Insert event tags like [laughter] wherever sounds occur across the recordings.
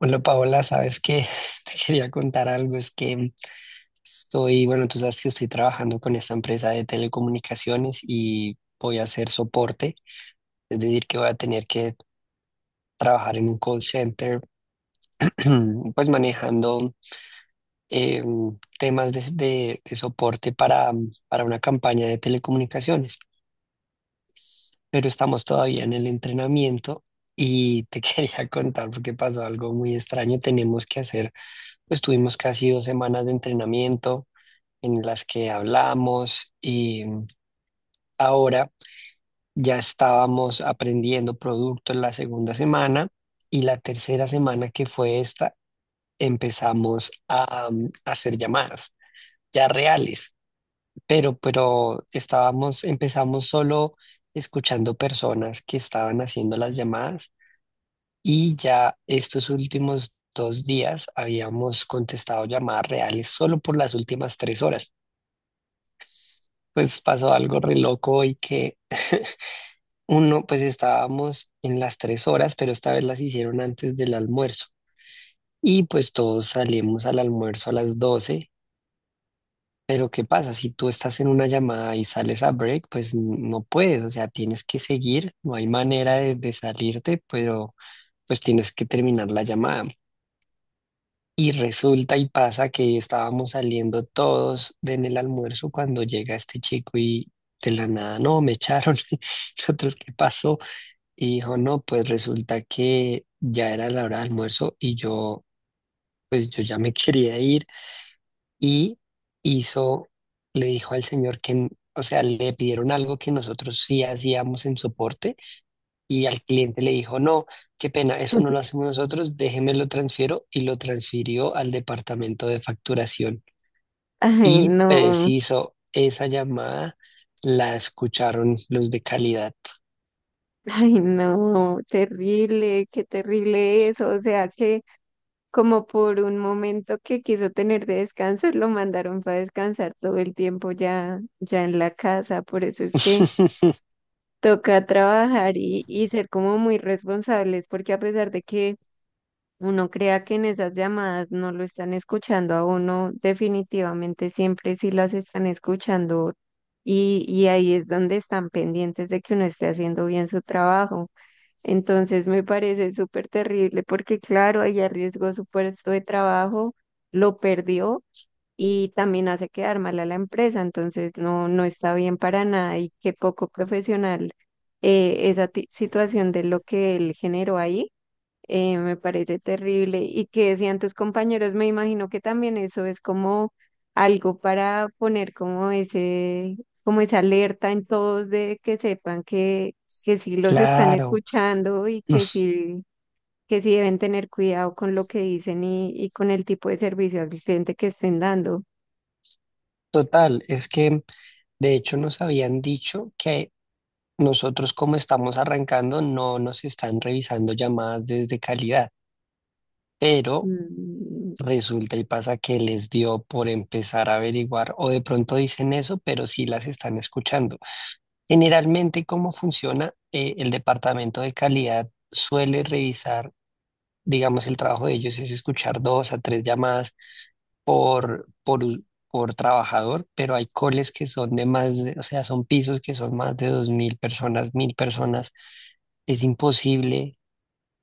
Bueno, Paola, sabes que [laughs] te quería contar algo, es que estoy, bueno, tú sabes que estoy trabajando con esta empresa de telecomunicaciones y voy a hacer soporte, es decir, que voy a tener que trabajar en un call center. [clears throat] Pues manejando eh, temas de, de soporte para una campaña de telecomunicaciones, pero estamos todavía en el entrenamiento y te [laughs] quería contar porque pasó algo muy extraño. Tenemos que hacer Pues tuvimos casi 2 semanas de entrenamiento en las que hablamos y ahora ya estábamos aprendiendo productos la segunda semana, y la tercera semana, que fue esta, empezamos a hacer llamadas ya reales, pero estábamos, empezamos solo escuchando personas que estaban haciendo las llamadas, y ya estos últimos 2 días habíamos contestado llamadas reales solo por las últimas 3 horas. Pues pasó algo re loco y que [laughs] uno, pues estábamos en las 3 horas, pero esta vez las hicieron antes del almuerzo. Y pues todos salimos al almuerzo a las 12. Pero ¿qué pasa? Si tú estás en una llamada y sales a break, pues no puedes, o sea, tienes que seguir, no hay manera de salirte, pero pues tienes que terminar la llamada. Y resulta y pasa que estábamos saliendo todos de en el almuerzo cuando llega este chico y de la nada, no, me echaron. [laughs] Nosotros, ¿qué pasó? Y dijo, no, pues resulta que ya era la hora de almuerzo y yo, pues yo ya me [laughs] quería ir. Y hizo, le dijo al señor que, o sea, le pidieron algo que nosotros sí hacíamos en soporte, y al cliente le dijo, no, qué pena, eso no lo [laughs] hacemos nosotros, déjeme lo transfiero, y lo transfirió al departamento de facturación. Ay, Y no, preciso, esa llamada la escucharon los de calidad. ay, no, terrible, qué terrible eso. O sea que como por un momento que quiso tener de descanso, lo mandaron para descansar todo el tiempo ya, ya en la casa. Por eso es que [laughs] toca trabajar y ser como muy responsables, porque a pesar de que uno crea que en esas llamadas no lo están escuchando a uno, definitivamente siempre sí las están escuchando y ahí es donde están pendientes de que uno esté haciendo bien su trabajo. Entonces me parece súper terrible porque claro, ahí arriesgó su puesto de trabajo, lo perdió y también hace quedar mal a la empresa, entonces no, no está bien para nada y qué poco profesional esa situación de lo que él generó ahí me parece terrible. Y que decían tus compañeros, me imagino que también eso es como algo para poner como ese, como esa alerta en todos de que sepan que sí los están Claro, escuchando y que sí deben tener cuidado con lo que dicen y con el tipo de servicio al cliente que estén dando. total, es que de hecho nos habían dicho que nosotros, como estamos arrancando, no nos están revisando llamadas desde calidad, pero. Mm. Resulta y pasa que les dio por empezar a averiguar, o de pronto dicen eso, pero sí las están escuchando. Generalmente, ¿cómo funciona? El departamento de calidad suele revisar, digamos, el trabajo de ellos es escuchar dos a tres llamadas por, por, u- por trabajador, pero hay coles que son de más o sea, son pisos que son más de 2000 personas, 1000 personas. Es imposible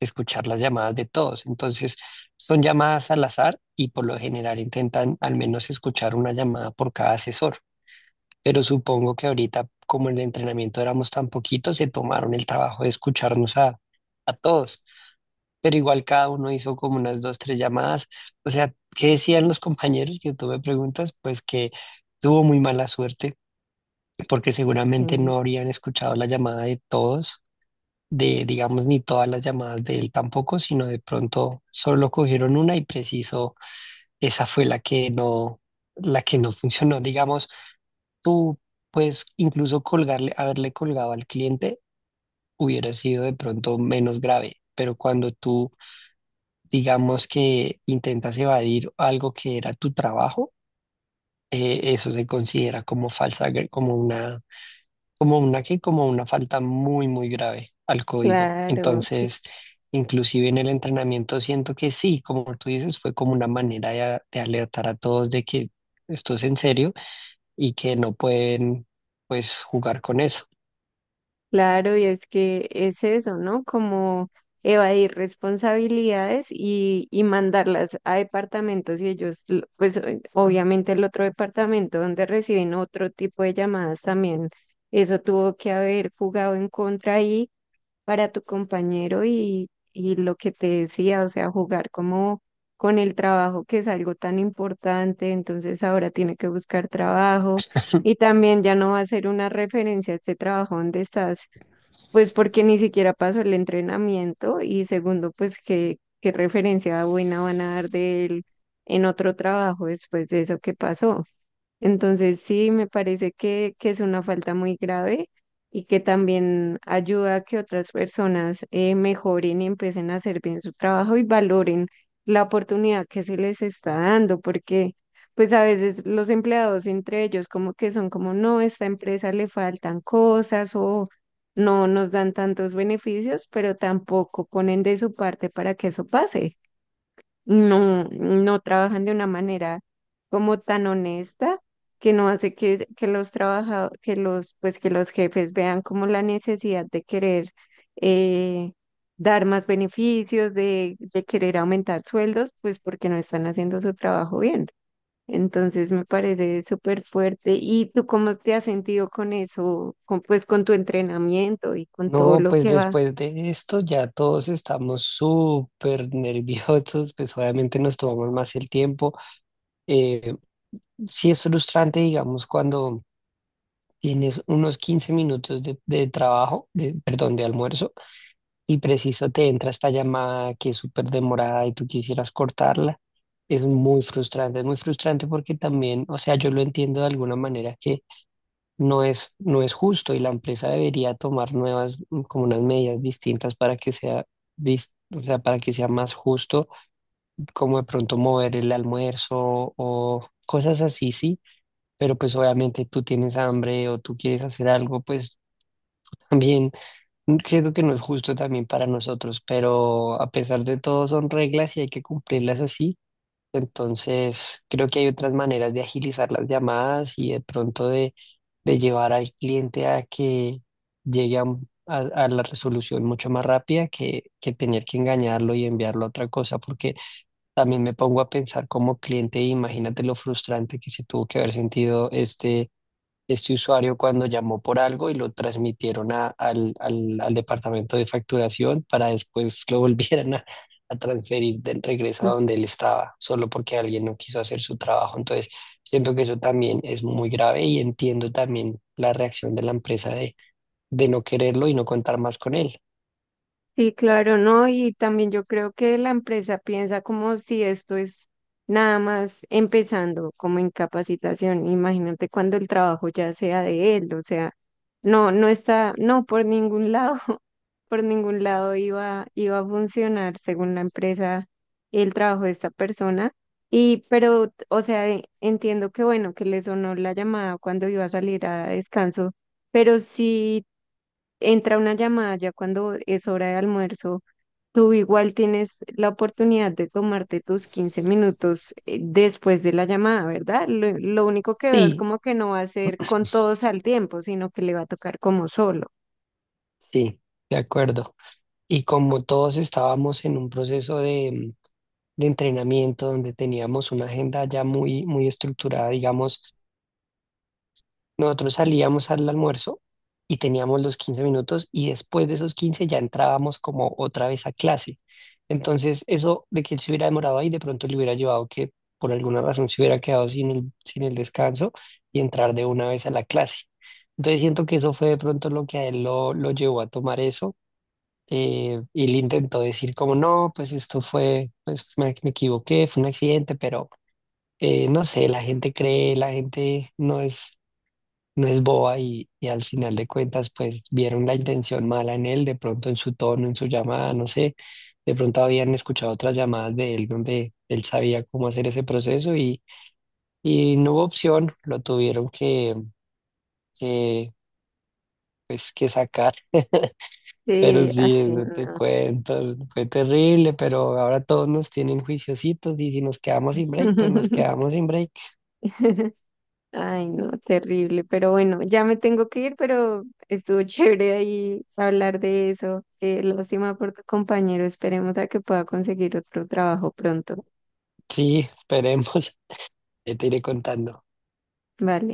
escuchar las llamadas de todos. Entonces, son llamadas al azar y por lo general intentan al menos escuchar una llamada por cada asesor. Pero supongo que ahorita, como en el entrenamiento éramos tan poquitos, se tomaron el trabajo de escucharnos a todos. Pero igual cada uno hizo como unas dos, tres llamadas. O sea, ¿qué decían los compañeros, que tú me preguntas? Pues que tuvo muy mala suerte porque seguramente Mm. no habrían escuchado la llamada de todos, de, digamos, ni todas las llamadas de él tampoco, sino de pronto solo cogieron una y preciso, esa fue la que no funcionó. Digamos, tú pues incluso colgarle, haberle colgado al cliente, hubiera sido de pronto menos grave, pero cuando tú, digamos, que intentas evadir algo que era tu trabajo, eso se considera como como una falta muy muy grave al código. Claro. Entonces, inclusive en el entrenamiento siento que sí, como tú dices, fue como una manera de, de alertar a todos de que esto es en serio, y que no pueden pues jugar con eso. Claro, y es que es eso, ¿no? Como evadir responsabilidades y mandarlas a departamentos y ellos, pues obviamente el otro departamento donde reciben otro tipo de llamadas también, eso tuvo que haber jugado en contra ahí para tu compañero y lo que te decía, o sea, jugar como con el trabajo que es algo tan importante, entonces ahora tiene que buscar trabajo y [laughs] también ya no va a ser una referencia a este trabajo donde estás, pues porque ni siquiera pasó el entrenamiento. Y segundo, pues qué referencia buena van a dar de él en otro trabajo después de eso que pasó. Entonces, sí, me parece que es una falta muy grave y que también ayuda a que otras personas mejoren y empiecen a hacer bien su trabajo y valoren la oportunidad que se les está dando, porque pues a veces los empleados entre ellos como que son como, no, esta empresa le faltan cosas o no nos dan tantos beneficios, pero tampoco ponen de su parte para que eso pase. No, no trabajan de una manera como tan honesta que no hace que los trabaja, que los, pues que los jefes vean como la necesidad de querer eh, dar más beneficios, de querer aumentar sueldos, pues porque no están haciendo su trabajo bien. Entonces me parece súper fuerte. ¿Y tú cómo te has sentido con eso, pues con tu entrenamiento y con todo No, lo pues que va? después de esto ya todos estamos súper nerviosos, pues obviamente nos tomamos más el tiempo. Eh, sí es frustrante, digamos, cuando tienes unos 15 minutos de trabajo, de, perdón, de almuerzo, y preciso te entra esta llamada que es súper demorada y tú quisieras cortarla. Es muy frustrante, es muy frustrante porque también, o sea, yo lo entiendo de alguna manera, que no es, no es justo, y la empresa debería tomar nuevas, como unas medidas distintas para que sea, dis- o sea, para que sea más justo, como de pronto mover el almuerzo o cosas así, sí, pero pues obviamente tú tienes hambre o tú quieres hacer algo, pues. También. Siento que no es justo también para nosotros, pero a pesar de todo son reglas y hay que cumplirlas así. Entonces, creo que hay otras maneras de agilizar las llamadas y de pronto de llevar al cliente a que llegue a la resolución mucho más rápida, que tener que engañarlo y enviarlo a otra cosa, porque también me pongo a pensar como cliente, imagínate lo frustrante que se tuvo que haber sentido este este usuario cuando llamó por algo y lo transmitieron al departamento de facturación, para después lo [laughs] volvieran a transferir del regreso a donde él estaba, solo porque alguien no quiso hacer su trabajo. Entonces, siento que eso también es muy grave, y entiendo también la reacción de la empresa de no quererlo y no contar más con él. Sí, claro, ¿no? Y también yo creo que la empresa piensa como si esto es nada más empezando, como en capacitación. Imagínate cuando el trabajo ya sea de él, o sea, no, no está, no, por ningún lado, [laughs] por ningún lado iba a funcionar, según la empresa, el trabajo de esta persona. Pero, o sea, entiendo que bueno, que le sonó la llamada cuando iba a salir a descanso, pero sí entra una llamada ya cuando es hora de almuerzo, tú igual tienes la oportunidad de tomarte tus 15 minutos después de la llamada, ¿verdad? Lo único que veo es Sí, como que no va a ser con todos al tiempo, sino que le va a tocar como solo. sí, de acuerdo. Y como todos estábamos en un proceso de entrenamiento donde teníamos una agenda ya muy, muy estructurada, digamos, nosotros salíamos al almuerzo y teníamos los 15 minutos, y después de esos 15 ya entrábamos como otra vez a clase. Entonces, eso de que él se hubiera demorado ahí, de pronto le hubiera llevado que por alguna razón se hubiera quedado sin el descanso, y entrar de una vez a la clase. Entonces, siento que eso fue de pronto lo que a él lo llevó a tomar eso. Y le intentó decir como, no, pues esto fue, pues me equivoqué, fue un accidente, pero no sé, la gente cree, la gente no es, no es boba, y al final de cuentas, pues vieron la intención mala en él, de pronto en su tono, en su llamada, no sé, de pronto habían escuchado otras llamadas de él donde él sabía cómo hacer ese proceso, y no hubo opción, lo tuvieron que, que sacar. [laughs] Pero Sí, ay, sí, eso te no. cuento, fue terrible, pero ahora todos nos tienen juiciositos, y si nos quedamos sin break, pues nos [laughs] quedamos sin break. Ay, no, terrible. Pero bueno, ya me tengo que ir, pero estuvo [laughs] chévere ahí hablar de eso. Lástima por tu compañero. Esperemos a que pueda conseguir otro trabajo pronto. Sí, esperemos. [laughs] Ya te iré contando. Vale.